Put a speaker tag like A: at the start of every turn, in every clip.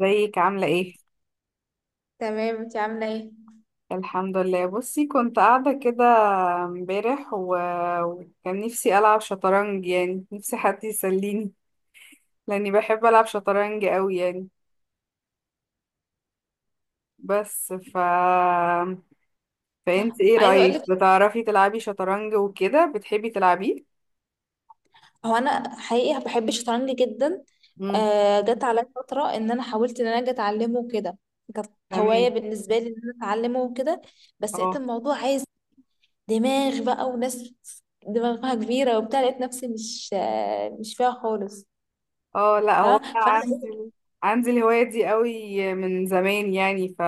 A: ازيك عاملة ايه؟
B: تمام، انت عامله ايه؟
A: الحمد لله. بصي كنت قاعدة كده امبارح وكان نفسي ألعب شطرنج، يعني نفسي حد يسليني لأني بحب ألعب شطرنج أوي يعني. بس فانت ايه
B: عايزه اقول
A: رأيك؟
B: لك،
A: بتعرفي تلعبي شطرنج وكده؟ بتحبي تلعبيه؟
B: هو انا حقيقي بحب الشطرنج جدا.
A: امم.
B: آه، جت عليا فتره ان انا حاولت ان انا اجي اتعلمه وكده. كانت هوايه
A: تمام.
B: بالنسبه لي ان انا اتعلمه وكده. بس لقيت
A: اه.
B: الموضوع عايز دماغ بقى وناس دماغها كبيره وبتاع، لقيت نفسي مش فيها خالص.
A: اه. لا، هو
B: فاهمة؟
A: أنا
B: فانا إيه،
A: عندي الهواية دي قوي من زمان يعني.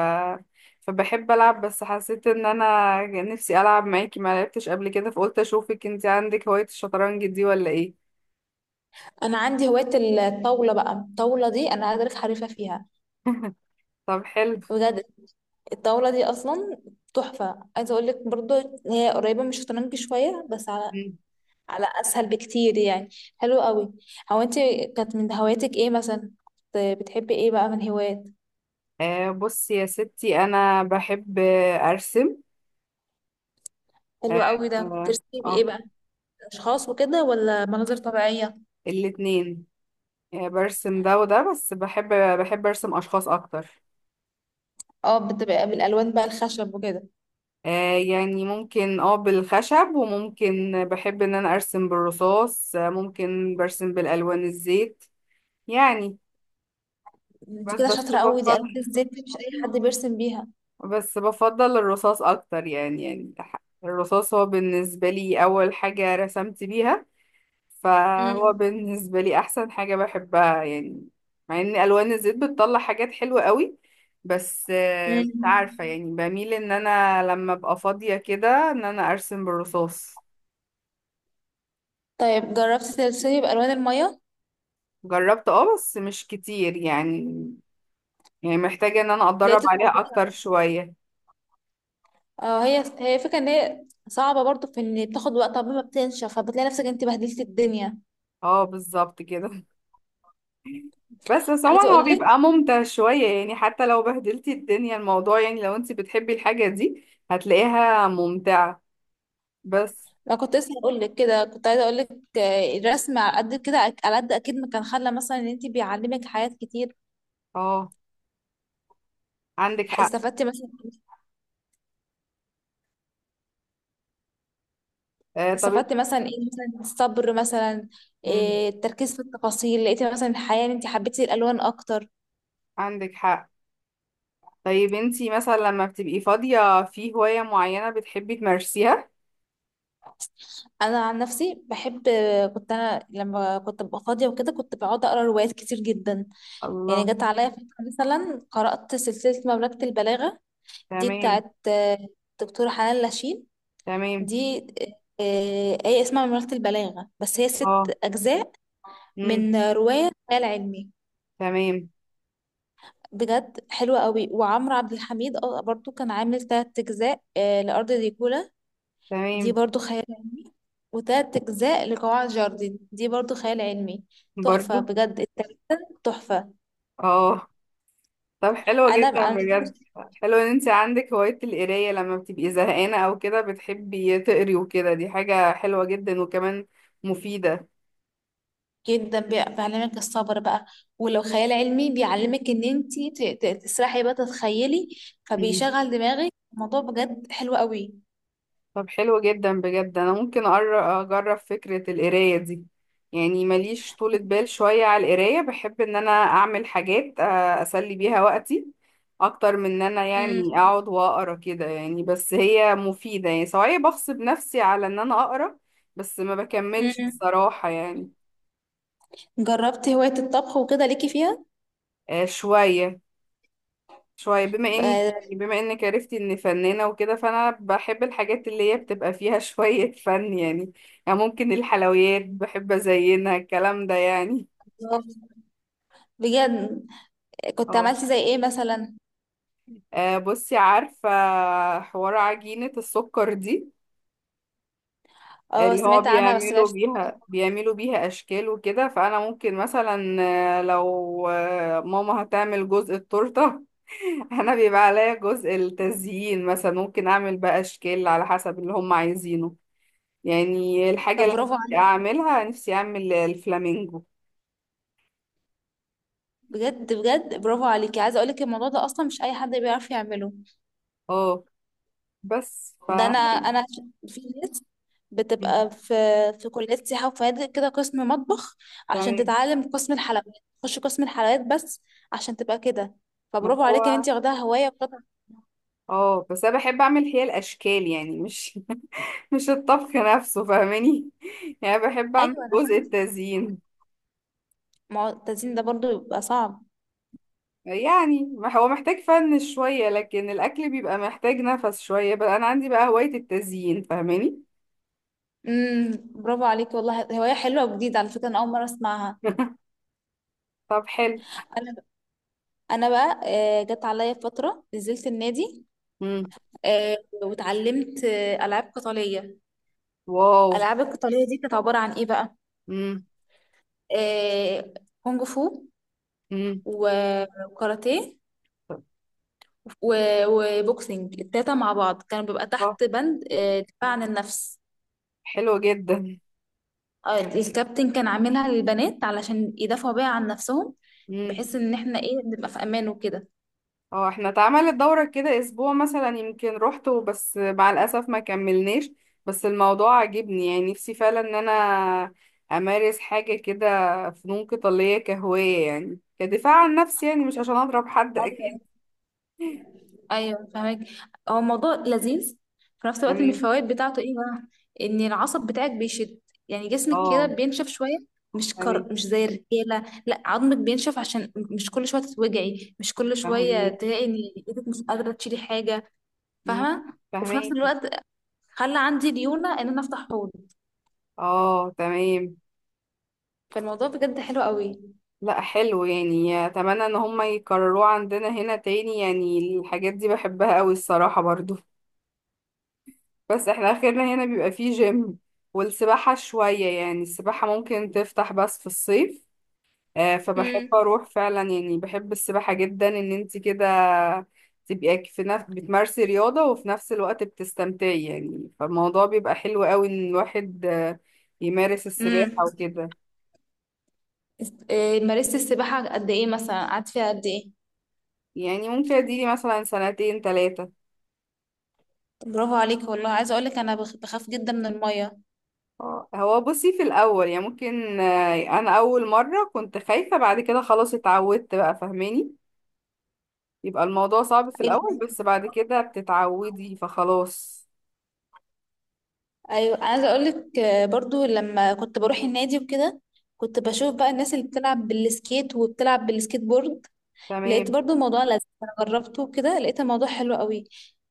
A: فبحب ألعب، بس حسيت إن أنا نفسي ألعب معاكي، ما لعبتش قبل كده، فقلت أشوفك انتي عندك هواية الشطرنج دي ولا إيه.
B: انا عندي هوايه. الطاوله بقى، الطاوله دي انا عايزه اقول لك حريفه فيها.
A: طب حلو.
B: بجد. الطاوله دي اصلا تحفه، عايزه اقول لك برضو. هي قريبه من الشطرنج شويه بس
A: مم.
B: على اسهل بكتير يعني. حلو قوي. هو انت كانت من هواياتك ايه مثلا؟ كنت بتحبي ايه بقى من هوايات؟
A: بصي يا ستي، أنا بحب أرسم. اه.
B: حلو قوي، ده كنت
A: آه.
B: بترسمي ايه
A: آه.
B: بقى؟ اشخاص وكده ولا مناظر طبيعيه؟
A: الاتنين. برسم ده وده، بس بحب أرسم أشخاص أكتر.
B: اه، بتبقى بالالوان بقى الخشب وكده.
A: آه، يعني ممكن بالخشب، وممكن بحب ان انا ارسم بالرصاص. ممكن برسم بالالوان الزيت يعني.
B: انت
A: بس
B: كده
A: بس
B: شاطره قوي، دي الوان
A: بفضل،
B: الزيت دي مش اي حد بيرسم بيها.
A: بس بفضل الرصاص اكتر يعني الرصاص هو بالنسبة لي اول حاجة رسمت بيها، فهو
B: امم
A: بالنسبة لي احسن حاجة بحبها يعني. مع ان الوان الزيت بتطلع حاجات حلوة قوي، بس مش عارفة
B: امم
A: يعني، بميل ان انا لما ابقى فاضية كده ان انا ارسم بالرصاص.
B: طيب، جربتي ترسمي بالوان الميه؟
A: جربت بس مش كتير يعني، يعني محتاجة ان انا اتدرب
B: لقيت
A: عليها
B: الموضوع.
A: اكتر شوية.
B: اه، هي فكره ان هي صعبه برضو في ان بتاخد وقت قبل ما بتنشف، فبتلاقي نفسك انت بهدلتي الدنيا.
A: اه، بالظبط كده. بس
B: عايزه
A: عموما هو
B: اقول لك،
A: بيبقى ممتع شوية يعني، حتى لو بهدلتي الدنيا الموضوع يعني، لو انت بتحبي الحاجة دي هتلاقيها ممتعة. بس
B: انا كنت لسه هقول لك كده، كنت عايزه اقول لك الرسم على قد كده على قد اكيد ما كان خلى مثلا ان انت بيعلمك حاجات كتير.
A: اه، عندك حق.
B: استفدتي مثلا
A: آه، طب انت.
B: استفدتي مثلا ايه مثلا؟ الصبر مثلا؟
A: مم.
B: إيه، التركيز في التفاصيل؟ لقيتي مثلا الحياه ان انت حبيتي الالوان اكتر؟
A: عندك حق. طيب انتي مثلا لما بتبقي فاضية في هواية معينة بتحبي تمارسيها؟
B: انا عن نفسي بحب كنت انا لما كنت ببقى فاضيه وكده كنت بقعد اقرا روايات كتير جدا. يعني
A: الله.
B: جت عليا فتره مثلا قرات سلسله مملكه البلاغه، دي
A: تمام.
B: بتاعت دكتوره حنان لاشين.
A: تمام.
B: دي آية اسمها مملكة البلاغة، بس هي
A: اه.
B: 6 أجزاء.
A: امم.
B: من رواية خيال علمي.
A: تمام.
B: بجد حلوة قوي. وعمرو عبد الحميد برضو كان عامل 3 أجزاء لأرض ديكولا. دي
A: تمام.
B: برضو خيال علمي. وتلات أجزاء لقواعد جاردن، دي برضو خيال علمي. تحفة
A: برضو.
B: بجد، التلاتة تحفة.
A: اه. طب حلو
B: أنا
A: جدا
B: أنا
A: بجد. حلو ان انت عندك هواية القراية، لما بتبقي زهقانة او كده بتحبي تقري وكده، دي حاجة حلوة جدا وكمان مفيدة.
B: جدا بيعلمك الصبر بقى. ولو خيال علمي بيعلمك ان انت تسرحي بقى تتخيلي.
A: مم.
B: فبيشغل دماغك الموضوع، بجد حلو قوي.
A: طب حلو جدا بجد. انا ممكن اجرب فكرة القراية دي، يعني ماليش طولة بال شوية على القراية، بحب ان انا اعمل حاجات اسلي بيها وقتي اكتر من ان انا
B: مم.
A: يعني اقعد واقرا كده يعني، بس هي مفيدة يعني، سواء بغصب نفسي على ان انا اقرا، بس ما بكملش
B: مم.
A: الصراحة يعني.
B: جربت هواية الطبخ وكده ليكي فيها؟
A: شوية. شوية، بما ان
B: آه،
A: بما انك عرفتي اني فنانة وكده، فانا بحب الحاجات اللي هي بتبقى فيها شوية فن يعني ممكن الحلويات بحب ازينها الكلام ده يعني.
B: بجد، كنت
A: اه.
B: عملتي زي ايه مثلا؟
A: بصي، عارفة حوار عجينة السكر دي،
B: اه،
A: اللي هو
B: سمعت عنها بس ما
A: بيعملوا
B: عرفتش
A: بيها
B: أعملها.
A: بيعملوا بيها اشكال وكده، فانا ممكن مثلا لو ماما هتعمل جزء التورته انا بيبقى عليا جزء التزيين، مثلا ممكن اعمل بقى اشكال على حسب اللي هم عايزينه، يعني الحاجه
B: طب
A: اللي أنا
B: برافو
A: نفسي
B: عليك،
A: اعملها، نفسي اعمل الفلامينجو.
B: بجد بجد برافو عليكي، عايزه اقولك الموضوع ده اصلا مش اي حد بيعرف يعمله.
A: اه، بس
B: ده انا في ناس
A: مم.
B: بتبقى في كليات سياحه وفنادق كده قسم مطبخ، عشان
A: تمام.
B: تتعلم قسم الحلويات. تخش قسم الحلويات بس عشان تبقى كده.
A: ما
B: فبرافو عليكي ان
A: هو
B: انت واخداها هوايه وقطع.
A: اه بس انا بحب اعمل هي الاشكال يعني، مش مش الطبخ نفسه فاهماني. يعني بحب اعمل
B: ايوه انا
A: جزء
B: فاهمه.
A: التزيين
B: ما هو التزيين ده برضو بيبقى صعب.
A: يعني، ما هو محتاج فن شوية، لكن الأكل بيبقى محتاج نفس شوية بقى. أنا عندي بقى هواية التزيين فاهماني.
B: برافو عليك والله، هواية حلوة وجديدة، على فكرة أنا أول مرة أسمعها.
A: طب حلو.
B: أنا أنا بقى جت عليا فترة نزلت النادي.
A: مم.
B: آه، واتعلمت ألعاب قتالية.
A: واو.
B: الألعاب القتالية دي كانت عبارة عن إيه بقى؟
A: مم.
B: آه، كونج فو،
A: مم.
B: و- وكاراتيه،
A: طب
B: وبوكسينج. التلاتة مع بعض كانوا بيبقى
A: آه،
B: تحت بند دفاع عن النفس.
A: حلو جدا.
B: الكابتن كان عاملها للبنات علشان يدافعوا بيها عن نفسهم،
A: مم.
B: بحيث إن إحنا إيه نبقى في أمان وكده.
A: اه، احنا اتعملت دورة كده أسبوع مثلا، يمكن روحته بس مع الأسف ما كملناش، بس الموضوع عجبني، يعني نفسي فعلا إن أنا أمارس حاجة كده، فنون قتالية كهواية يعني، كدفاع عن نفسي يعني، مش عشان أضرب حد أكيد.
B: ايوه فهمك. هو الموضوع لذيذ. في نفس الوقت من
A: تمام.
B: الفوائد بتاعته ايه بقى؟ ان العصب بتاعك بيشد، يعني جسمك كده
A: اه.
B: بينشف شويه.
A: تمام.
B: مش زي الرجاله، لا، عظمك بينشف، عشان مش كل شويه تتوجعي، مش كل شويه
A: فهميكي.
B: تلاقي ان ايدك مش قادره تشيلي حاجه.
A: مم.
B: فاهمه؟ وفي نفس
A: فهميكي.
B: الوقت خلى عندي ليونه ان انا افتح حوض.
A: اه. تمام.
B: فالموضوع بجد حلو قوي.
A: لا، حلو يعني، اتمنى ان هم يكرروه عندنا هنا تاني، يعني الحاجات دي بحبها قوي الصراحة برضو، بس احنا اخرنا هنا بيبقى فيه جيم والسباحة شوية، يعني السباحة ممكن تفتح بس في الصيف. فبحب
B: امم
A: اروح فعلا، يعني بحب السباحة جدا، ان انت كده تبقي في نفس بتمارسي رياضة وفي نفس الوقت بتستمتعي يعني، فالموضوع بيبقى حلو قوي ان الواحد يمارس
B: امم
A: السباحة وكده.
B: إيه، مارست السباحه قد ايه مثلا؟ قعدت فيها قد ايه؟
A: يعني ممكن اديلي مثلا سنتين ثلاثة.
B: برافو عليك والله، عايزه اقول لك انا بخاف جدا من الميه.
A: اه، هو بصي في الاول يعني ممكن انا اول مرة كنت خايفة، بعد كده خلاص اتعودت بقى فاهماني، يبقى الموضوع صعب في الاول بس بعد كده بتتعودي فخلاص.
B: ايوه، عايزه اقول لك، برضو لما كنت بروح النادي وكده، كنت بشوف بقى الناس اللي بتلعب بالسكيت وبتلعب بالسكيت بورد. لقيت
A: تمام.
B: برضو الموضوع لذيذ، انا جربته وكده لقيت الموضوع حلو قوي.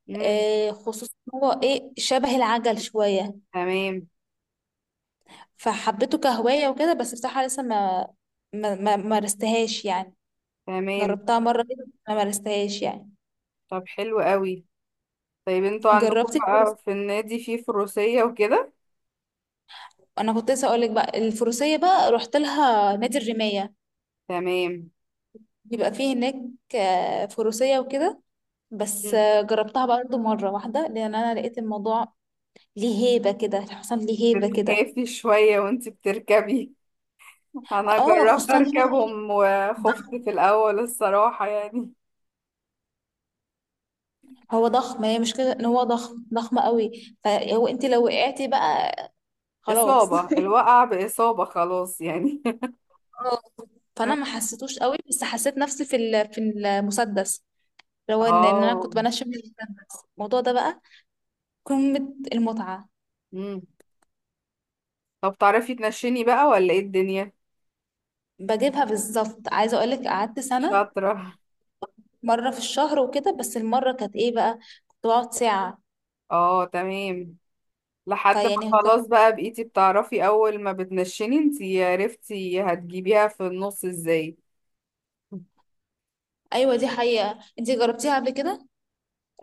A: امم.
B: خصوصا إن هو ايه شبه العجل شويه.
A: تمام.
B: فحبيته كهوايه وكده، بس بصراحه لسه ما مارستهاش يعني.
A: تمام.
B: جربتها مره كده، ما مارستهاش يعني.
A: طب حلو قوي. طيب انتوا عندكم
B: جربت
A: بقى
B: الفروسيه.
A: في النادي فيه فروسية وكده؟
B: انا كنت لسه اقول لك بقى، الفروسيه بقى رحت لها نادي الرمايه.
A: تمام.
B: بيبقى فيه هناك فروسيه وكده. بس
A: مم.
B: جربتها برضه مرة واحدة، لأن أنا لقيت الموضوع ليه هيبة كده، الحصان ليه هيبة كده.
A: بتخافي شوية وانتي بتركبي. انا
B: اه،
A: جربت
B: خصوصا هو ايه
A: اركبهم وخفت
B: ضخم.
A: في الاول الصراحة يعني،
B: هو ضخم، هي مش كده ان هو ضخم ضخم قوي، فهو انت لو وقعتي بقى خلاص.
A: اصابة الوقع باصابة خلاص يعني.
B: اه، فانا ما حسيتوش قوي، بس حسيت نفسي في المسدس. لو إن انا
A: اه.
B: كنت بنشم المسدس الموضوع ده بقى قمة المتعة.
A: امم. طب تعرفي تنشني بقى ولا ايه الدنيا؟
B: بجيبها بالظبط، عايزة اقولك قعدت سنة،
A: شاطرة.
B: مرة في الشهر وكده، بس المرة كانت ايه بقى؟ كنت بقعد ساعة.
A: اه. تمام. لحد ما
B: فيعني كنت،
A: خلاص بقى بقيتي بتعرفي، اول ما بتنشني انتي عرفتي هتجيبيها في النص ازاي.
B: ايوه دي حقيقة، انتي جربتيها قبل كده؟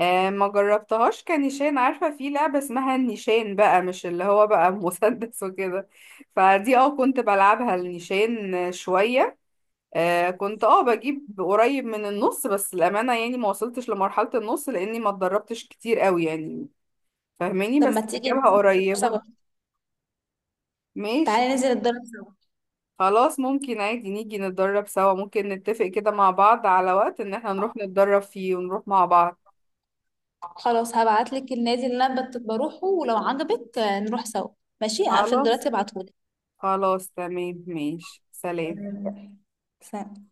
A: آه، ما جربتهاش كنيشان، عارفة في لعبة اسمها النيشان بقى، مش اللي هو بقى مسدس وكده، فدي كنت بلعبها النيشان شوية. كنت بجيب قريب من النص، بس الأمانة يعني ما وصلتش لمرحلة النص لأني ما اتدربتش كتير قوي يعني فاهماني،
B: طب ما
A: بس
B: تيجي
A: بجيبها
B: ننزل نتدرب سوا؟
A: قريبة. ماشي.
B: تعالي ننزل نتدرب سوا.
A: خلاص ممكن عادي نيجي نتدرب سوا، ممكن نتفق كده مع بعض على وقت ان احنا نروح نتدرب فيه ونروح مع بعض.
B: خلاص، هبعتلك النادي اللي انا بروحه، ولو عجبك نروح سوا. ماشي، هقفل
A: خلاص.
B: دلوقتي ابعتهولك.
A: خلاص تمام. ماشي. سلام.
B: تمام، سلام.